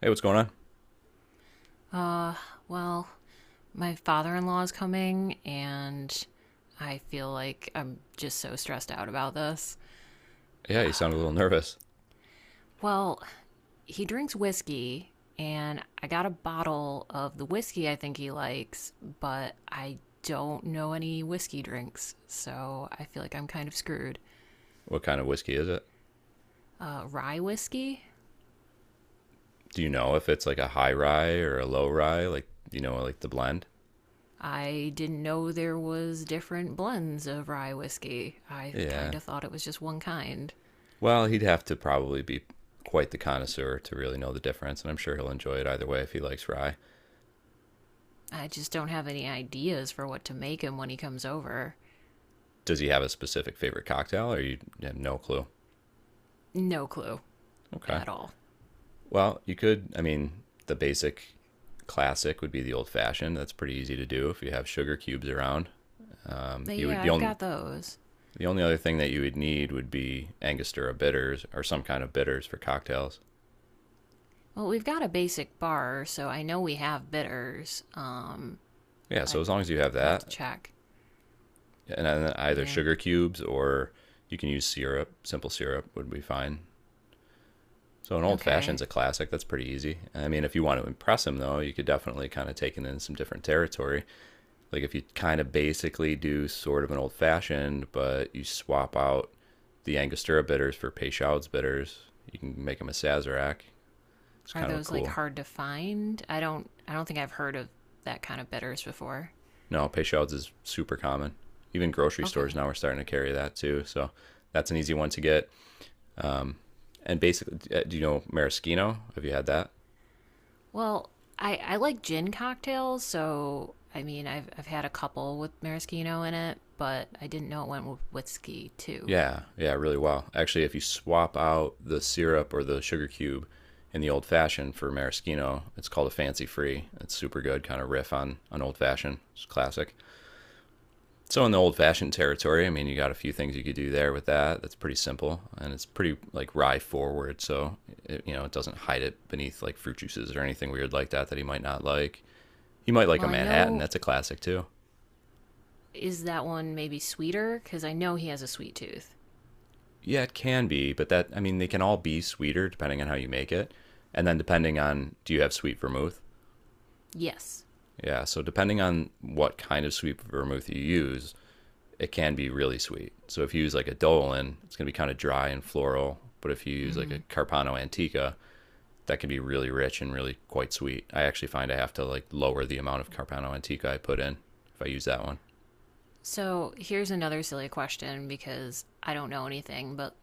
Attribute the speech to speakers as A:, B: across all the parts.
A: Hey, what's going on?
B: Uh, well, my father in law is coming, and I feel like I'm just so stressed out about this.
A: Yeah, you sound a little nervous.
B: Well, he drinks whiskey, and I got a bottle of the whiskey I think he likes, but I don't know any whiskey drinks, so I feel like I'm kind of screwed.
A: What kind of whiskey is it?
B: Rye whiskey?
A: Do you know if it's like a high rye or a low rye? Like, you know, like the blend?
B: I didn't know there was different blends of rye whiskey. I kind
A: Yeah.
B: of thought it was just one kind.
A: Well, he'd have to probably be quite the connoisseur to really know the difference, and I'm sure he'll enjoy it either way if he likes rye.
B: I just don't have any ideas for what to make him when he comes over.
A: Does he have a specific favorite cocktail, or you have no clue?
B: No clue
A: Okay.
B: at all.
A: Well, you could, I mean, the basic classic would be the old fashioned. That's pretty easy to do if you have sugar cubes around.
B: But
A: You would
B: yeah,
A: the
B: I've
A: only
B: got those.
A: The only other thing that you would need would be Angostura bitters or some kind of bitters for cocktails.
B: Well, we've got a basic bar, so I know we have bitters.
A: Yeah, so
B: I
A: as long as you have
B: have to
A: that,
B: check.
A: and then either
B: Yeah.
A: sugar cubes or you can use syrup, simple syrup would be fine. So an old fashioned's
B: Okay.
A: a classic. That's pretty easy. I mean, if you want to impress him though, you could definitely kind of take it in some different territory. Like if you kind of basically do sort of an old fashioned, but you swap out the Angostura bitters for Peychaud's bitters, you can make them a Sazerac. It's
B: Are
A: kind of a
B: those like
A: cool.
B: hard to find? I don't think I've heard of that kind of bitters before.
A: No, pay shouts is super common. Even grocery
B: Okay.
A: stores now are starting to carry that too. So that's an easy one to get. Um, and basically, do you know maraschino? Have you had that?
B: Well, I like gin cocktails, so I mean, I've had a couple with maraschino in it, but I didn't know it went with whiskey too.
A: Yeah, yeah, really well. Actually, if you swap out the syrup or the sugar cube in the old fashioned for maraschino, it's called a fancy free. It's super good, kind of riff on old fashioned. It's classic. So in the old fashioned territory, I mean, you got a few things you could do there with that. That's pretty simple, and it's pretty like rye forward. So it, you know, it doesn't hide it beneath like fruit juices or anything weird like that that he might not like. He might like
B: Well,
A: a
B: I
A: Manhattan.
B: know,
A: That's a classic too.
B: is that one maybe sweeter because I know he has a sweet tooth.
A: Yeah, it can be, but that I mean, they can all be sweeter depending on how you make it, and then depending on do you have sweet vermouth.
B: Yes.
A: Yeah, so depending on what kind of sweet vermouth you use, it can be really sweet. So if you use like a Dolan, it's going to be kind of dry and floral. But if you use like a
B: Mm-hmm.
A: Carpano Antica, that can be really rich and really quite sweet. I actually find I have to like lower the amount of Carpano Antica I put in if I use that one.
B: So here's another silly question because I don't know anything, but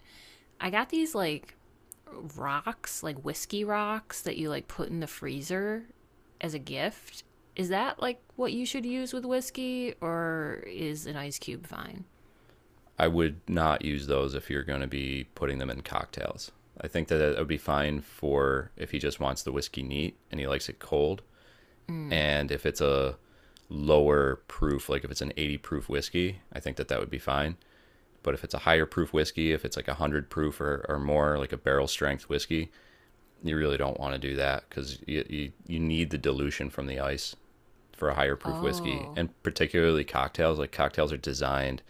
B: I got these like rocks, like whiskey rocks that you like put in the freezer as a gift. Is that like what you should use with whiskey, or is an ice cube fine?
A: I would not use those if you're going to be putting them in cocktails. I think that it would be fine for if he just wants the whiskey neat and he likes it cold.
B: Mm.
A: And if it's a lower proof, like if it's an 80 proof whiskey, I think that that would be fine. But if it's a higher proof whiskey, if it's like 100 proof or more, like a barrel strength whiskey, you really don't want to do that because you need the dilution from the ice for a higher proof whiskey.
B: Oh,
A: And particularly cocktails, like cocktails are designed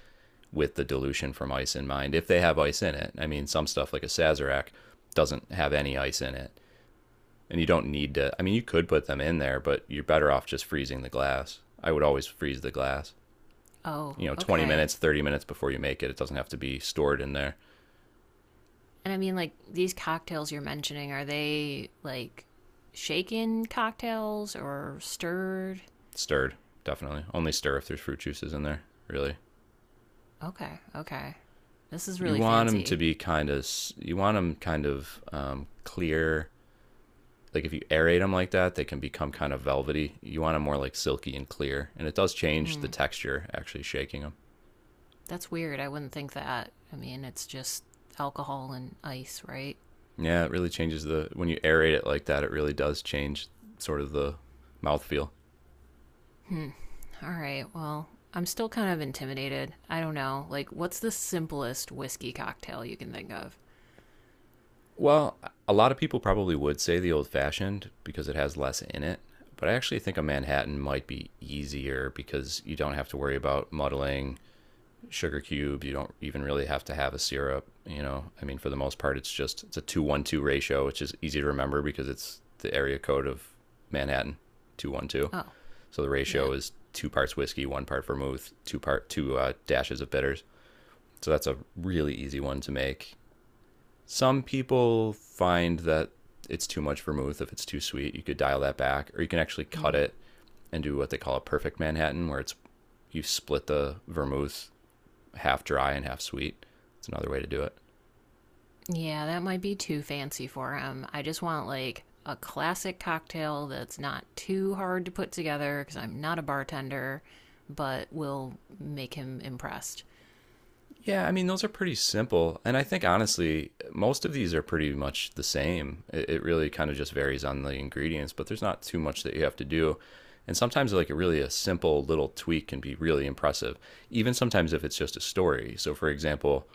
A: with the dilution from ice in mind if they have ice in it. I mean, some stuff like a Sazerac doesn't have any ice in it. And you don't need to, I mean, you could put them in there, but you're better off just freezing the glass. I would always freeze the glass.
B: oh,
A: You know, 20
B: okay.
A: minutes, 30 minutes before you make it. It doesn't have to be stored in there.
B: And I mean, like these cocktails you're mentioning, are they like shaken cocktails or stirred?
A: Stirred, definitely only stir if there's fruit juices in there really.
B: Okay, okay. This is
A: You
B: really
A: want them to
B: fancy.
A: be kind of, you want them kind of clear. Like if you aerate them like that, they can become kind of velvety. You want them more like silky and clear, and it does change the
B: Mm,
A: texture, actually shaking them.
B: that's weird. I wouldn't think that. I mean, it's just alcohol and ice, right?
A: Yeah, it really changes the, when you aerate it like that, it really does change sort of the mouthfeel.
B: Hmm. All right. Well, I'm still kind of intimidated. I don't know. Like, what's the simplest whiskey cocktail you can think of?
A: Well, a lot of people probably would say the old fashioned because it has less in it, but I actually think a Manhattan might be easier because you don't have to worry about muddling sugar cubes. You don't even really have to have a syrup. You know, I mean, for the most part, it's a 2-1-2 ratio, which is easy to remember because it's the area code of Manhattan, 2-1-2.
B: Oh,
A: So the
B: yeah.
A: ratio is two parts whiskey, one part vermouth, two dashes of bitters. So that's a really easy one to make. Some people find that it's too much vermouth if it's too sweet. You could dial that back, or you can actually cut
B: Hmm.
A: it and do what they call a perfect Manhattan, where it's you split the vermouth half dry and half sweet. It's another way to do it.
B: Yeah, that might be too fancy for him. I just want like a classic cocktail that's not too hard to put together because I'm not a bartender, but will make him impressed.
A: Yeah, I mean those are pretty simple, and I think honestly most of these are pretty much the same. It really kind of just varies on the ingredients, but there's not too much that you have to do. And sometimes like a really a simple little tweak can be really impressive, even sometimes if it's just a story. So for example,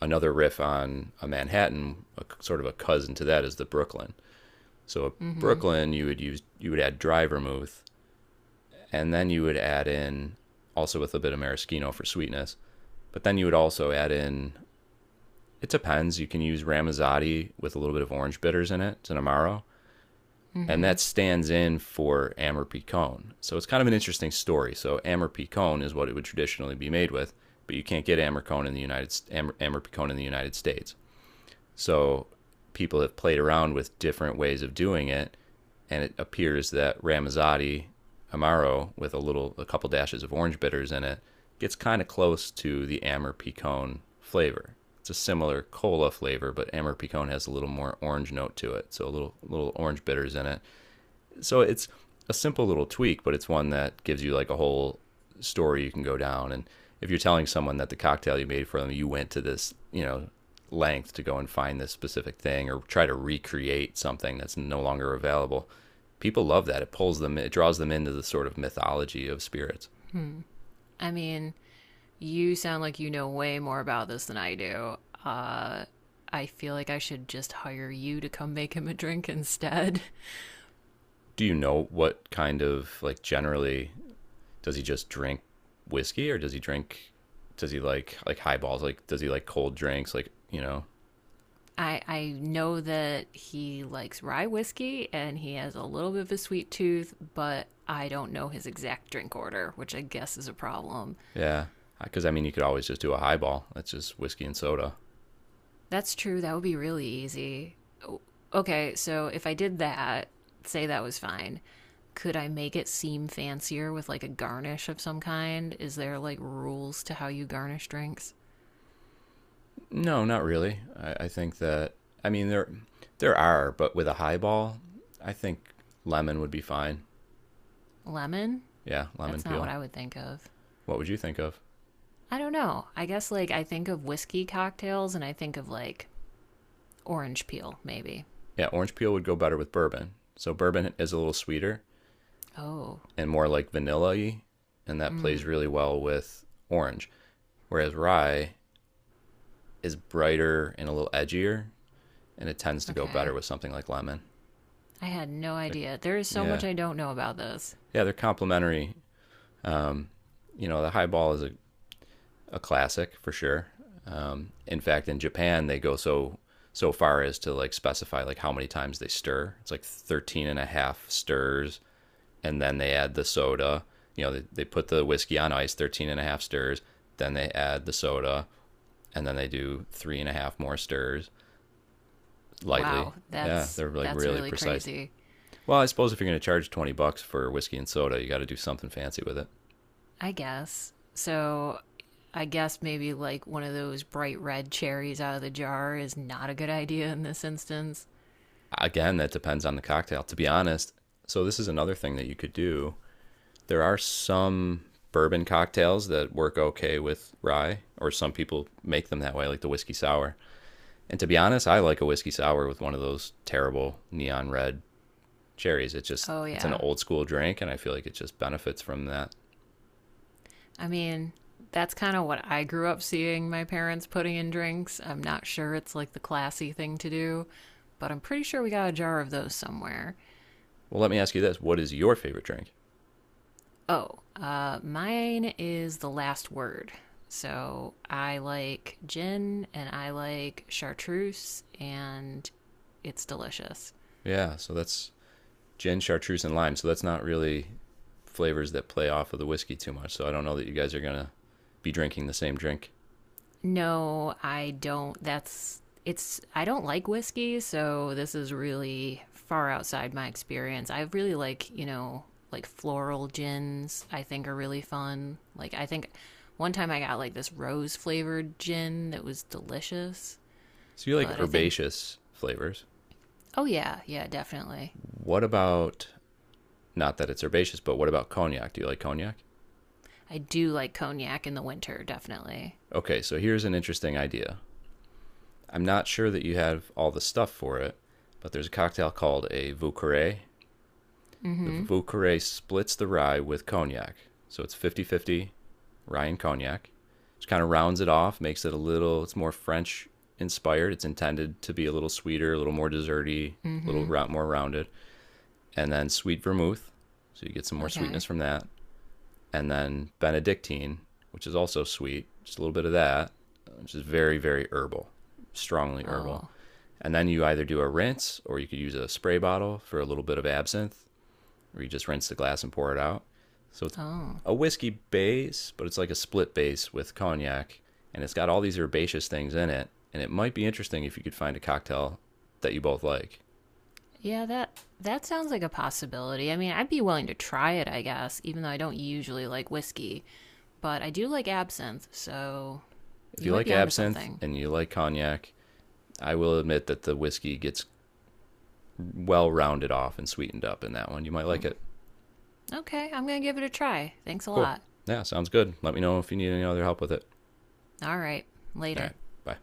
A: another riff on a Manhattan, a, sort of a cousin to that is the Brooklyn. So a
B: Mm-hmm.
A: Brooklyn, you would add dry vermouth, and then you would add in also with a bit of maraschino for sweetness, but then you would also add in. It depends. You can use Ramazzotti with a little bit of orange bitters in it. It's an amaro, and
B: Mm-hmm.
A: that stands in for Amber. So it's kind of an interesting story. So Amber is what it would traditionally be made with, but you can't get Amber in the United Amber, Amber in the United States. So people have played around with different ways of doing it, and it appears that Ramazzotti Amaro with a couple dashes of orange bitters in it gets kind of close to the Amber Picon flavor. It's a similar cola flavor, but Amber Picon has a little more orange note to it, so a little orange bitters in it, so it's a simple little tweak, but it's one that gives you like a whole story you can go down. And if you're telling someone that the cocktail you made for them, you went to this, you know, length to go and find this specific thing or try to recreate something that's no longer available, people love that. It pulls them, it draws them into the sort of mythology of spirits.
B: Hmm. I mean, you sound like you know way more about this than I do. Uh, I feel like I should just hire you to come make him a drink instead.
A: Do you know what kind of, like, generally does he just drink whiskey, or does he drink, does he like highballs, like does he like cold drinks, like you know.
B: I know that he likes rye whiskey and he has a little bit of a sweet tooth, but I don't know his exact drink order, which I guess is a problem.
A: Yeah, because I mean, you could always just do a highball. That's just whiskey and soda.
B: That's true. That would be really easy. Okay, so if I did that, say that was fine. Could I make it seem fancier with like a garnish of some kind? Is there like rules to how you garnish drinks?
A: No, not really. I think that, I mean there are, but with a highball, I think lemon would be fine.
B: Lemon?
A: Yeah, lemon
B: That's not what
A: peel.
B: I would think of.
A: What would you think of?
B: I don't know. I guess like I think of whiskey cocktails and I think of like orange peel, maybe.
A: Yeah, orange peel would go better with bourbon. So bourbon is a little sweeter
B: Oh,
A: and more like vanilla-y, and that plays
B: mm,
A: really well with orange. Whereas rye is brighter and a little edgier, and it tends to go better
B: okay.
A: with something like lemon.
B: I had no
A: They're,
B: idea. There is so
A: yeah,
B: much I don't know about this.
A: yeah, they're complementary, you know. The high ball is a classic for sure. In fact, in Japan, they go so far as to like specify like how many times they stir. It's like 13 and a half stirs, and then they add the soda. You know, they put the whiskey on ice, 13 and a half stirs, then they add the soda, and then they do 3.5 more stirs lightly.
B: Wow,
A: Yeah,
B: that's
A: they're like
B: that's
A: really
B: really
A: precise.
B: crazy.
A: Well, I suppose if you're going to charge $20 for whiskey and soda, you got to do something fancy with it.
B: I guess. So I guess maybe like one of those bright red cherries out of the jar is not a good idea in this instance.
A: Again, that depends on the cocktail, to be honest. So, this is another thing that you could do. There are some bourbon cocktails that work okay with rye, or some people make them that way, like the whiskey sour. And to be honest, I like a whiskey sour with one of those terrible neon red cherries. It's just,
B: Oh
A: it's an
B: yeah.
A: old school drink, and I feel like it just benefits from that.
B: I mean, that's kind of what I grew up seeing my parents putting in drinks. I'm not sure it's like the classy thing to do, but I'm pretty sure we got a jar of those somewhere.
A: Well, let me ask you this, what is your favorite drink?
B: Oh, mine is the last word. So I like gin and I like chartreuse and it's delicious.
A: Yeah, so that's gin, chartreuse, and lime. So that's not really flavors that play off of the whiskey too much. So I don't know that you guys are gonna be drinking the same drink.
B: No, I don't. That's it's I don't like whiskey, so this is really far outside my experience. I really like, you know, like floral gins, I think are really fun. Like I think one time I got like this rose flavored gin that was delicious,
A: So you like
B: but I think
A: herbaceous flavors.
B: oh yeah, yeah, definitely.
A: What about, not that it's herbaceous, but what about cognac? Do you like cognac?
B: I do like cognac in the winter, definitely.
A: Okay, so here's an interesting idea. I'm not sure that you have all the stuff for it, but there's a cocktail called a Vucare. The
B: Mm-hmm.
A: Vauqueray splits the rye with cognac. So it's 50 50 rye and cognac. Just kind of rounds it off, makes it a little, it's more French inspired. It's intended to be a little sweeter, a little more desserty, a little
B: Mm-hmm.
A: round, more rounded. And then sweet vermouth. So you get some more sweetness
B: Okay.
A: from that. And then Benedictine, which is also sweet, just a little bit of that, which is very, very herbal, strongly herbal.
B: Oh.
A: And then you either do a rinse or you could use a spray bottle for a little bit of absinthe, where you just rinse the glass and pour it out. So it's
B: Oh.
A: a whiskey base, but it's like a split base with cognac, and it's got all these herbaceous things in it. And it might be interesting if you could find a cocktail that you both like.
B: Yeah, that sounds like a possibility. I mean, I'd be willing to try it, I guess, even though I don't usually like whiskey. But I do like absinthe, so
A: If
B: you
A: you
B: might
A: like
B: be onto
A: absinthe
B: something.
A: and you like cognac, I will admit that the whiskey gets well rounded off and sweetened up in that one. You might
B: Hmm.
A: like it.
B: Okay, I'm gonna give it a try. Thanks a
A: Cool.
B: lot.
A: Yeah, sounds good. Let me know if you need any other help with it.
B: All right.
A: All right.
B: Later.
A: Bye.